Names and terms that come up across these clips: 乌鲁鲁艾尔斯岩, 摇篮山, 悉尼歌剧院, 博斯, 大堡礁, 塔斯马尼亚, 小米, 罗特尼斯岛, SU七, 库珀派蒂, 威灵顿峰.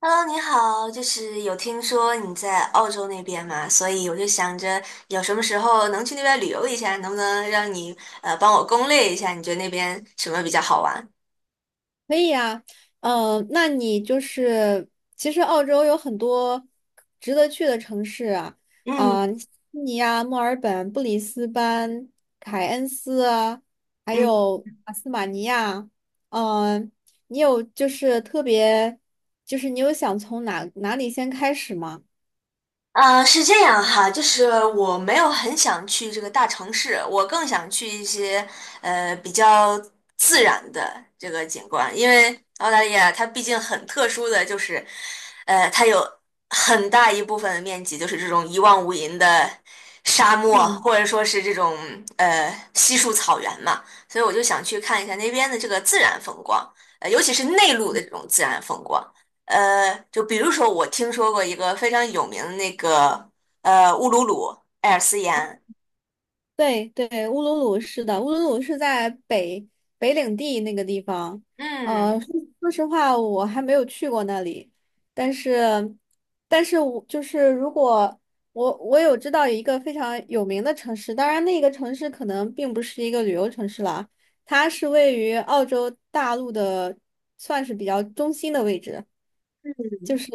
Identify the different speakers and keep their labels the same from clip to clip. Speaker 1: Hello，你好，就是有听说你在澳洲那边嘛，所以我就想着有什么时候能去那边旅游一下，能不能让你帮我攻略一下，你觉得那边什么比较好玩？
Speaker 2: 可以呀。那你就是其实澳洲有很多值得去的城市啊，
Speaker 1: 嗯。
Speaker 2: 啊、悉尼啊、墨尔本、布里斯班、凯恩斯啊，还
Speaker 1: 嗯。
Speaker 2: 有阿斯马尼亚。嗯，你有就是特别，就是你有想从哪里先开始吗？
Speaker 1: 是这样哈，就是我没有很想去这个大城市，我更想去一些比较自然的这个景观，因为澳大利亚它毕竟很特殊的就是，它有很大一部分的面积就是这种一望无垠的沙漠，
Speaker 2: 嗯。
Speaker 1: 或者说是这种稀树草原嘛，所以我就想去看一下那边的这个自然风光，尤其是内陆的这种自然风光。就比如说我听说过一个非常有名的那个乌鲁鲁艾尔斯岩。
Speaker 2: 对对，乌鲁鲁是的，乌鲁鲁是在北领地那个地方。呃，
Speaker 1: 嗯。
Speaker 2: 说说实话，我还没有去过那里。但是，但是我就是如果我有知道一个非常有名的城市，当然那个城市可能并不是一个旅游城市啦。它是位于澳洲大陆的，算是比较中心的位置，就是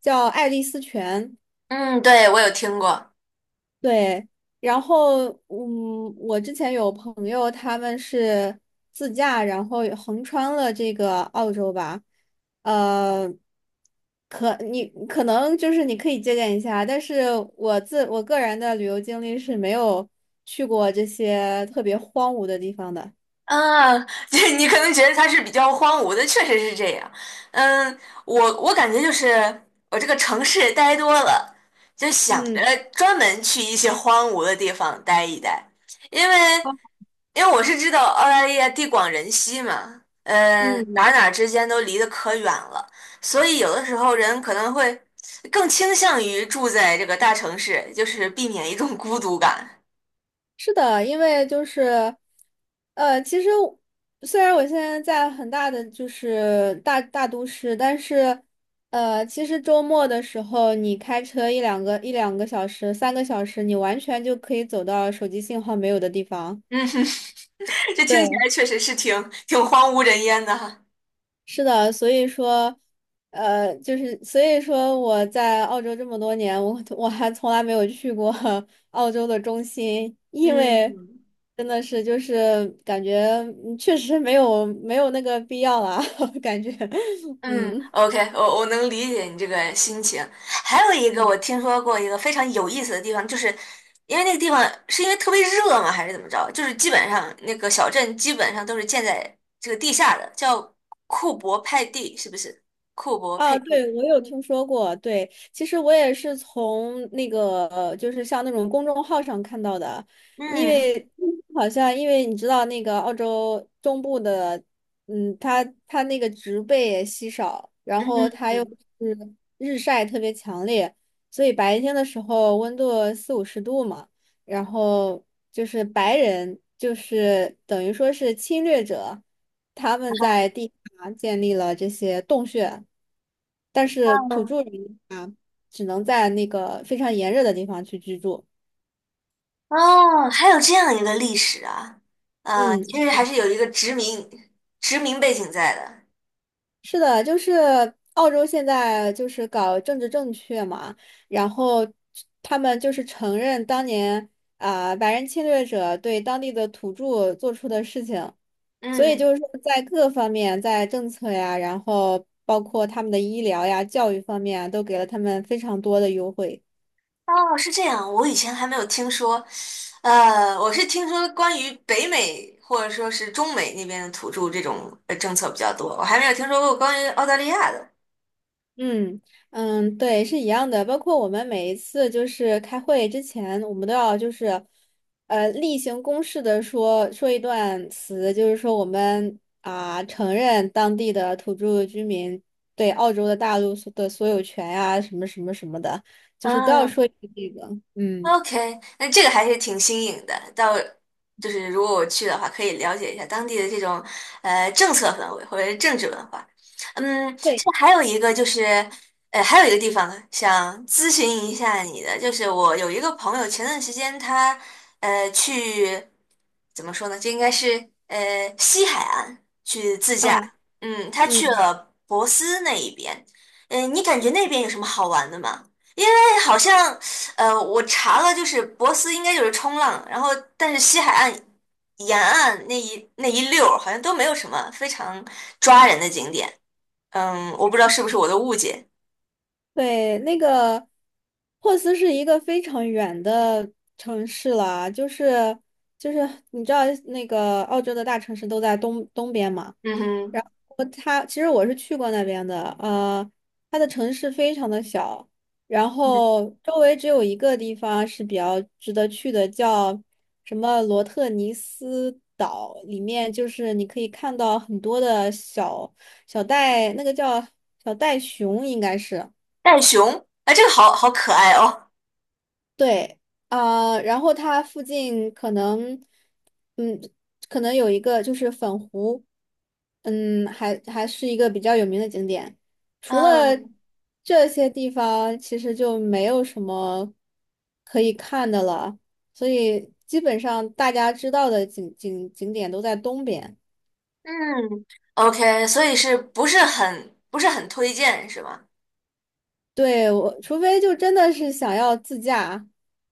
Speaker 2: 叫爱丽丝泉。
Speaker 1: 嗯，对，我有听过。
Speaker 2: 对，然后我之前有朋友他们是自驾，然后横穿了这个澳洲吧。呃，可你可能就是你可以借鉴一下，但是我个人的旅游经历是没有去过这些特别荒芜的地方的。
Speaker 1: 啊，对，你可能觉得它是比较荒芜的，确实是这样。嗯，我感觉就是我这个城市待多了，就想着
Speaker 2: 嗯
Speaker 1: 专门去一些荒芜的地方待一待，因为
Speaker 2: 好，
Speaker 1: 我是知道澳大利亚地广人稀嘛，嗯、
Speaker 2: 嗯。
Speaker 1: 哪之间都离得可远了，所以有的时候人可能会更倾向于住在这个大城市，就是避免一种孤独感。
Speaker 2: 是的，因为就是，其实我虽然我现在在很大的就是大都市，但是，其实周末的时候，你开车一两个小时、3个小时，你完全就可以走到手机信号没有的地方。
Speaker 1: 嗯哼。这听起
Speaker 2: 对。
Speaker 1: 来确实是挺荒无人烟的哈。
Speaker 2: 是的，所以说，呃，就是所以说我在澳洲这么多年，我还从来没有去过 澳洲的中心。因为
Speaker 1: 嗯。
Speaker 2: 真的是就是感觉确实没有没有那个必要啦，感觉。
Speaker 1: 嗯
Speaker 2: 嗯。
Speaker 1: ，OK，我能理解你这个心情。还有一个我听说过一个非常有意思的地方，就是因为那个地方是因为特别热吗，还是怎么着？就是基本上那个小镇基本上都是建在这个地下的，叫库珀派蒂，是不是？库珀佩
Speaker 2: 啊，
Speaker 1: 蒂。
Speaker 2: 对，我有听说过。对，其实我也是从那个，就是像那种公众号上看到的。因
Speaker 1: 嗯。
Speaker 2: 为好像因为你知道那个澳洲中部的，它那个植被也稀少，然
Speaker 1: 嗯。
Speaker 2: 后它又
Speaker 1: 嗯。
Speaker 2: 是日晒特别强烈，所以白天的时候温度四五十度嘛。然后就是白人就是等于说是侵略者，他们在地下建立了这些洞穴。但是土著人啊，只能在那个非常炎热的地方去居住。
Speaker 1: 哦，还有这样一个历史啊，嗯、
Speaker 2: 嗯，
Speaker 1: 其实还是有一个殖民背景在的。
Speaker 2: 是的，就是澳洲现在就是搞政治正确嘛，然后他们就是承认当年啊、白人侵略者对当地的土著做出的事情。所以
Speaker 1: 嗯。
Speaker 2: 就是说在各方面，在政策呀，然后包括他们的医疗呀、教育方面啊都给了他们非常多的优惠。
Speaker 1: 哦，是这样，我以前还没有听说，我是听说关于北美或者说是中美那边的土著这种政策比较多，我还没有听说过关于澳大利亚的。
Speaker 2: 嗯嗯，对，是一样的。包括我们每一次就是开会之前，我们都要就是，例行公事的说说一段词，就是说我们啊、承认当地的土著居民对澳洲的大陆所有权呀、什么什么什么的，就是都要
Speaker 1: 嗯。
Speaker 2: 说一句这个。嗯，
Speaker 1: OK，那这个还是挺新颖的。就是如果我去的话，可以了解一下当地的这种政策氛围或者是政治文化。嗯，
Speaker 2: 对
Speaker 1: 这还有一个就是，还有一个地方想咨询一下你的，就是我有一个朋友前段时间他去怎么说呢？这应该是西海岸去自驾。
Speaker 2: 啊，
Speaker 1: 嗯，他
Speaker 2: 嗯。
Speaker 1: 去
Speaker 2: 嗯
Speaker 1: 了博斯那一边。嗯，你感觉那边有什么好玩的吗？好像我查了，就是博斯应该就是冲浪，然后但是西海岸沿岸那一溜儿好像都没有什么非常抓人的景点。嗯，我不知道是不是我的误解。
Speaker 2: 对，那个珀斯是一个非常远的城市了。就是你知道那个澳洲的大城市都在东边嘛。
Speaker 1: 嗯哼。
Speaker 2: 然后它其实我是去过那边的，它的城市非常的小。然
Speaker 1: 嗯。
Speaker 2: 后周围只有一个地方是比较值得去的，叫什么罗特尼斯岛，里面就是你可以看到很多的小袋，那个叫小袋熊应该是。
Speaker 1: 袋熊，哎，这个好可爱哦。
Speaker 2: 对，啊、然后它附近可能，嗯，可能有一个就是粉湖，还是一个比较有名的景点。除了
Speaker 1: 嗯。
Speaker 2: 这些地方，其实就没有什么可以看的了，所以基本上大家知道的景点都在东边。
Speaker 1: 嗯，OK，所以是不是不是很推荐是吗？
Speaker 2: 对，我除非就真的是想要自驾，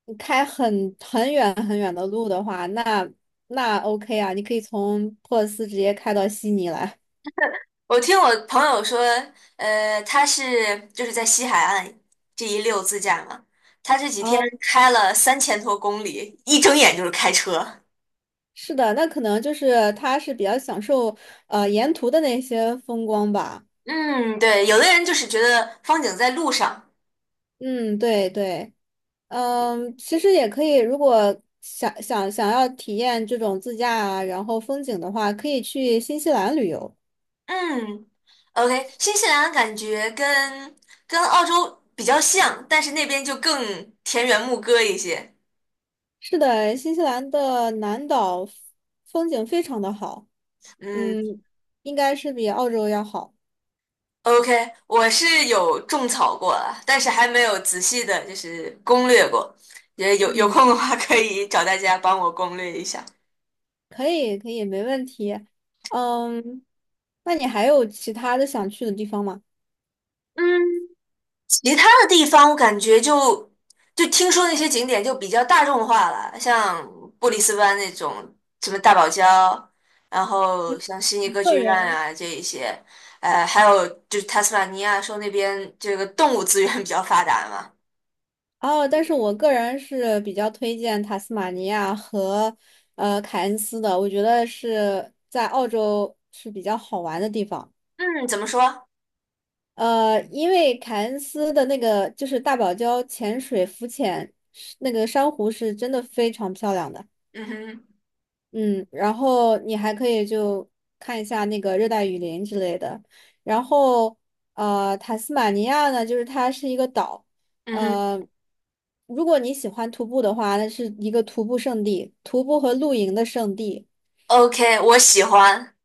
Speaker 2: 你开很远很远的路的话，那 OK 啊，你可以从珀尔斯直接开到悉尼来。
Speaker 1: 我听我朋友说，他是就是在西海岸这一溜自驾嘛，他这几天
Speaker 2: 哦，
Speaker 1: 开了三千多公里，一睁眼就是开车。
Speaker 2: 是的，那可能就是他是比较享受沿途的那些风光吧。
Speaker 1: 嗯，对，有的人就是觉得风景在路上。
Speaker 2: 嗯，对对。其实也可以，如果想要体验这种自驾啊，然后风景的话，可以去新西兰旅游。
Speaker 1: 嗯，OK，新西兰感觉跟澳洲比较像，但是那边就更田园牧歌一些。
Speaker 2: 是的，新西兰的南岛风景非常的好，
Speaker 1: 嗯，
Speaker 2: 嗯，应该是比澳洲要好。
Speaker 1: OK，我是有种草过了，但是还没有仔细的，就是攻略过。也有
Speaker 2: 嗯，
Speaker 1: 空的话，可以找大家帮我攻略一下。
Speaker 2: 可以，可以，没问题。嗯，那你还有其他的想去的地方吗？
Speaker 1: 嗯，其他的地方我感觉就听说那些景点就比较大众化了，像布里斯班那种什么大堡礁，然后
Speaker 2: 嗯，
Speaker 1: 像悉尼歌
Speaker 2: 个
Speaker 1: 剧院
Speaker 2: 人
Speaker 1: 啊这一些，还有就是塔斯马尼亚说那边这个动物资源比较发达嘛。
Speaker 2: 哦，但是我个人是比较推荐塔斯马尼亚和凯恩斯的，我觉得是在澳洲是比较好玩的地方。
Speaker 1: 嗯，怎么说？
Speaker 2: 因为凯恩斯的那个就是大堡礁潜水浮潜，是那个珊瑚是真的非常漂亮的。
Speaker 1: 嗯哼。
Speaker 2: 嗯，然后你还可以就看一下那个热带雨林之类的。然后塔斯马尼亚呢，就是它是一个岛。
Speaker 1: 嗯哼
Speaker 2: 呃，如果你喜欢徒步的话，那是一个徒步圣地，徒步和露营的圣地。
Speaker 1: ，OK，我喜欢。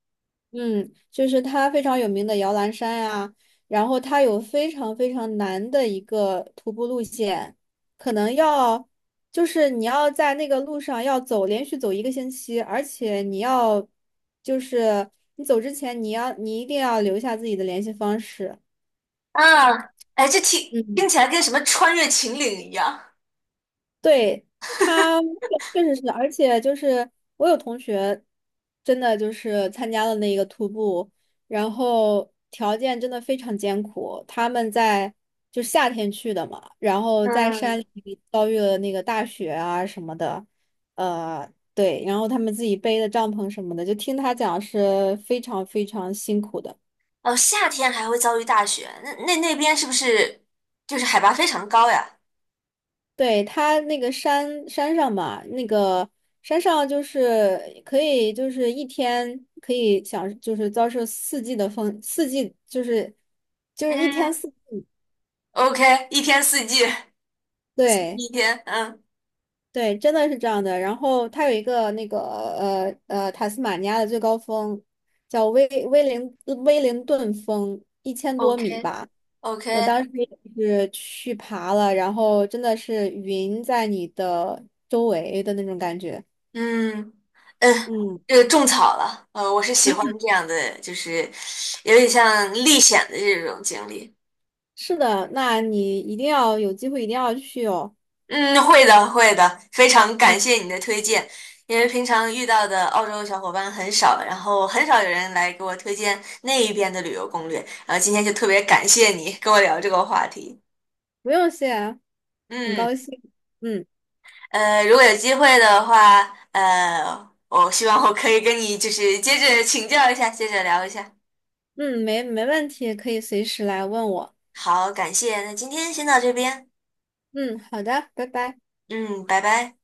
Speaker 2: 嗯，就是它非常有名的摇篮山呀，然后它有非常非常难的一个徒步路线。可能要就是你要在那个路上连续走一个星期，而且你要就是你走之前你一定要留下自己的联系方式。
Speaker 1: 啊，哎，这听
Speaker 2: 嗯。
Speaker 1: 起来跟什么穿越秦岭一样。
Speaker 2: 对，他确实是，而且就是我有同学，真的就是参加了那个徒步，然后条件真的非常艰苦。他们在就夏天去的嘛，然后在山
Speaker 1: 嗯。
Speaker 2: 里遭遇了那个大雪啊什么的。对，然后他们自己背的帐篷什么的，就听他讲是非常非常辛苦的。
Speaker 1: 哦，夏天还会遭遇大雪，那那边是不是就是海拔非常高呀？
Speaker 2: 对，它那个山上嘛，那个山上就是可以，就是一天可以享，就是遭受四季的风，四季就是一天
Speaker 1: 嗯
Speaker 2: 四季，
Speaker 1: ，OK，一天四季，四季
Speaker 2: 对
Speaker 1: 一天，嗯
Speaker 2: 对，真的是这样的。然后它有一个那个塔斯马尼亚的最高峰，叫威灵顿峰，1000多米
Speaker 1: ，OK。
Speaker 2: 吧。我
Speaker 1: OK。
Speaker 2: 当时也是去爬了，然后真的是云在你的周围的那种感觉。
Speaker 1: 嗯。嗯，
Speaker 2: 嗯。
Speaker 1: 这个种草了，我是喜欢这样的，就是有点像历险的这种经历。
Speaker 2: 是的，那你一定要有机会，一定要去哦。
Speaker 1: 嗯，会的，会的，非常
Speaker 2: 嗯，
Speaker 1: 感谢你的推荐，因为平常遇到的澳洲小伙伴很少，然后很少有人来给我推荐那一边的旅游攻略，然后今天就特别感谢你跟我聊这个话题。
Speaker 2: 不用谢啊，很
Speaker 1: 嗯，
Speaker 2: 高兴。嗯
Speaker 1: 如果有机会的话，我希望我可以跟你就是接着请教一下，接着聊一下。
Speaker 2: 嗯，没问题，可以随时来问我。
Speaker 1: 好，感谢，那今天先到这边，
Speaker 2: 嗯，好的，拜拜。
Speaker 1: 嗯，拜拜。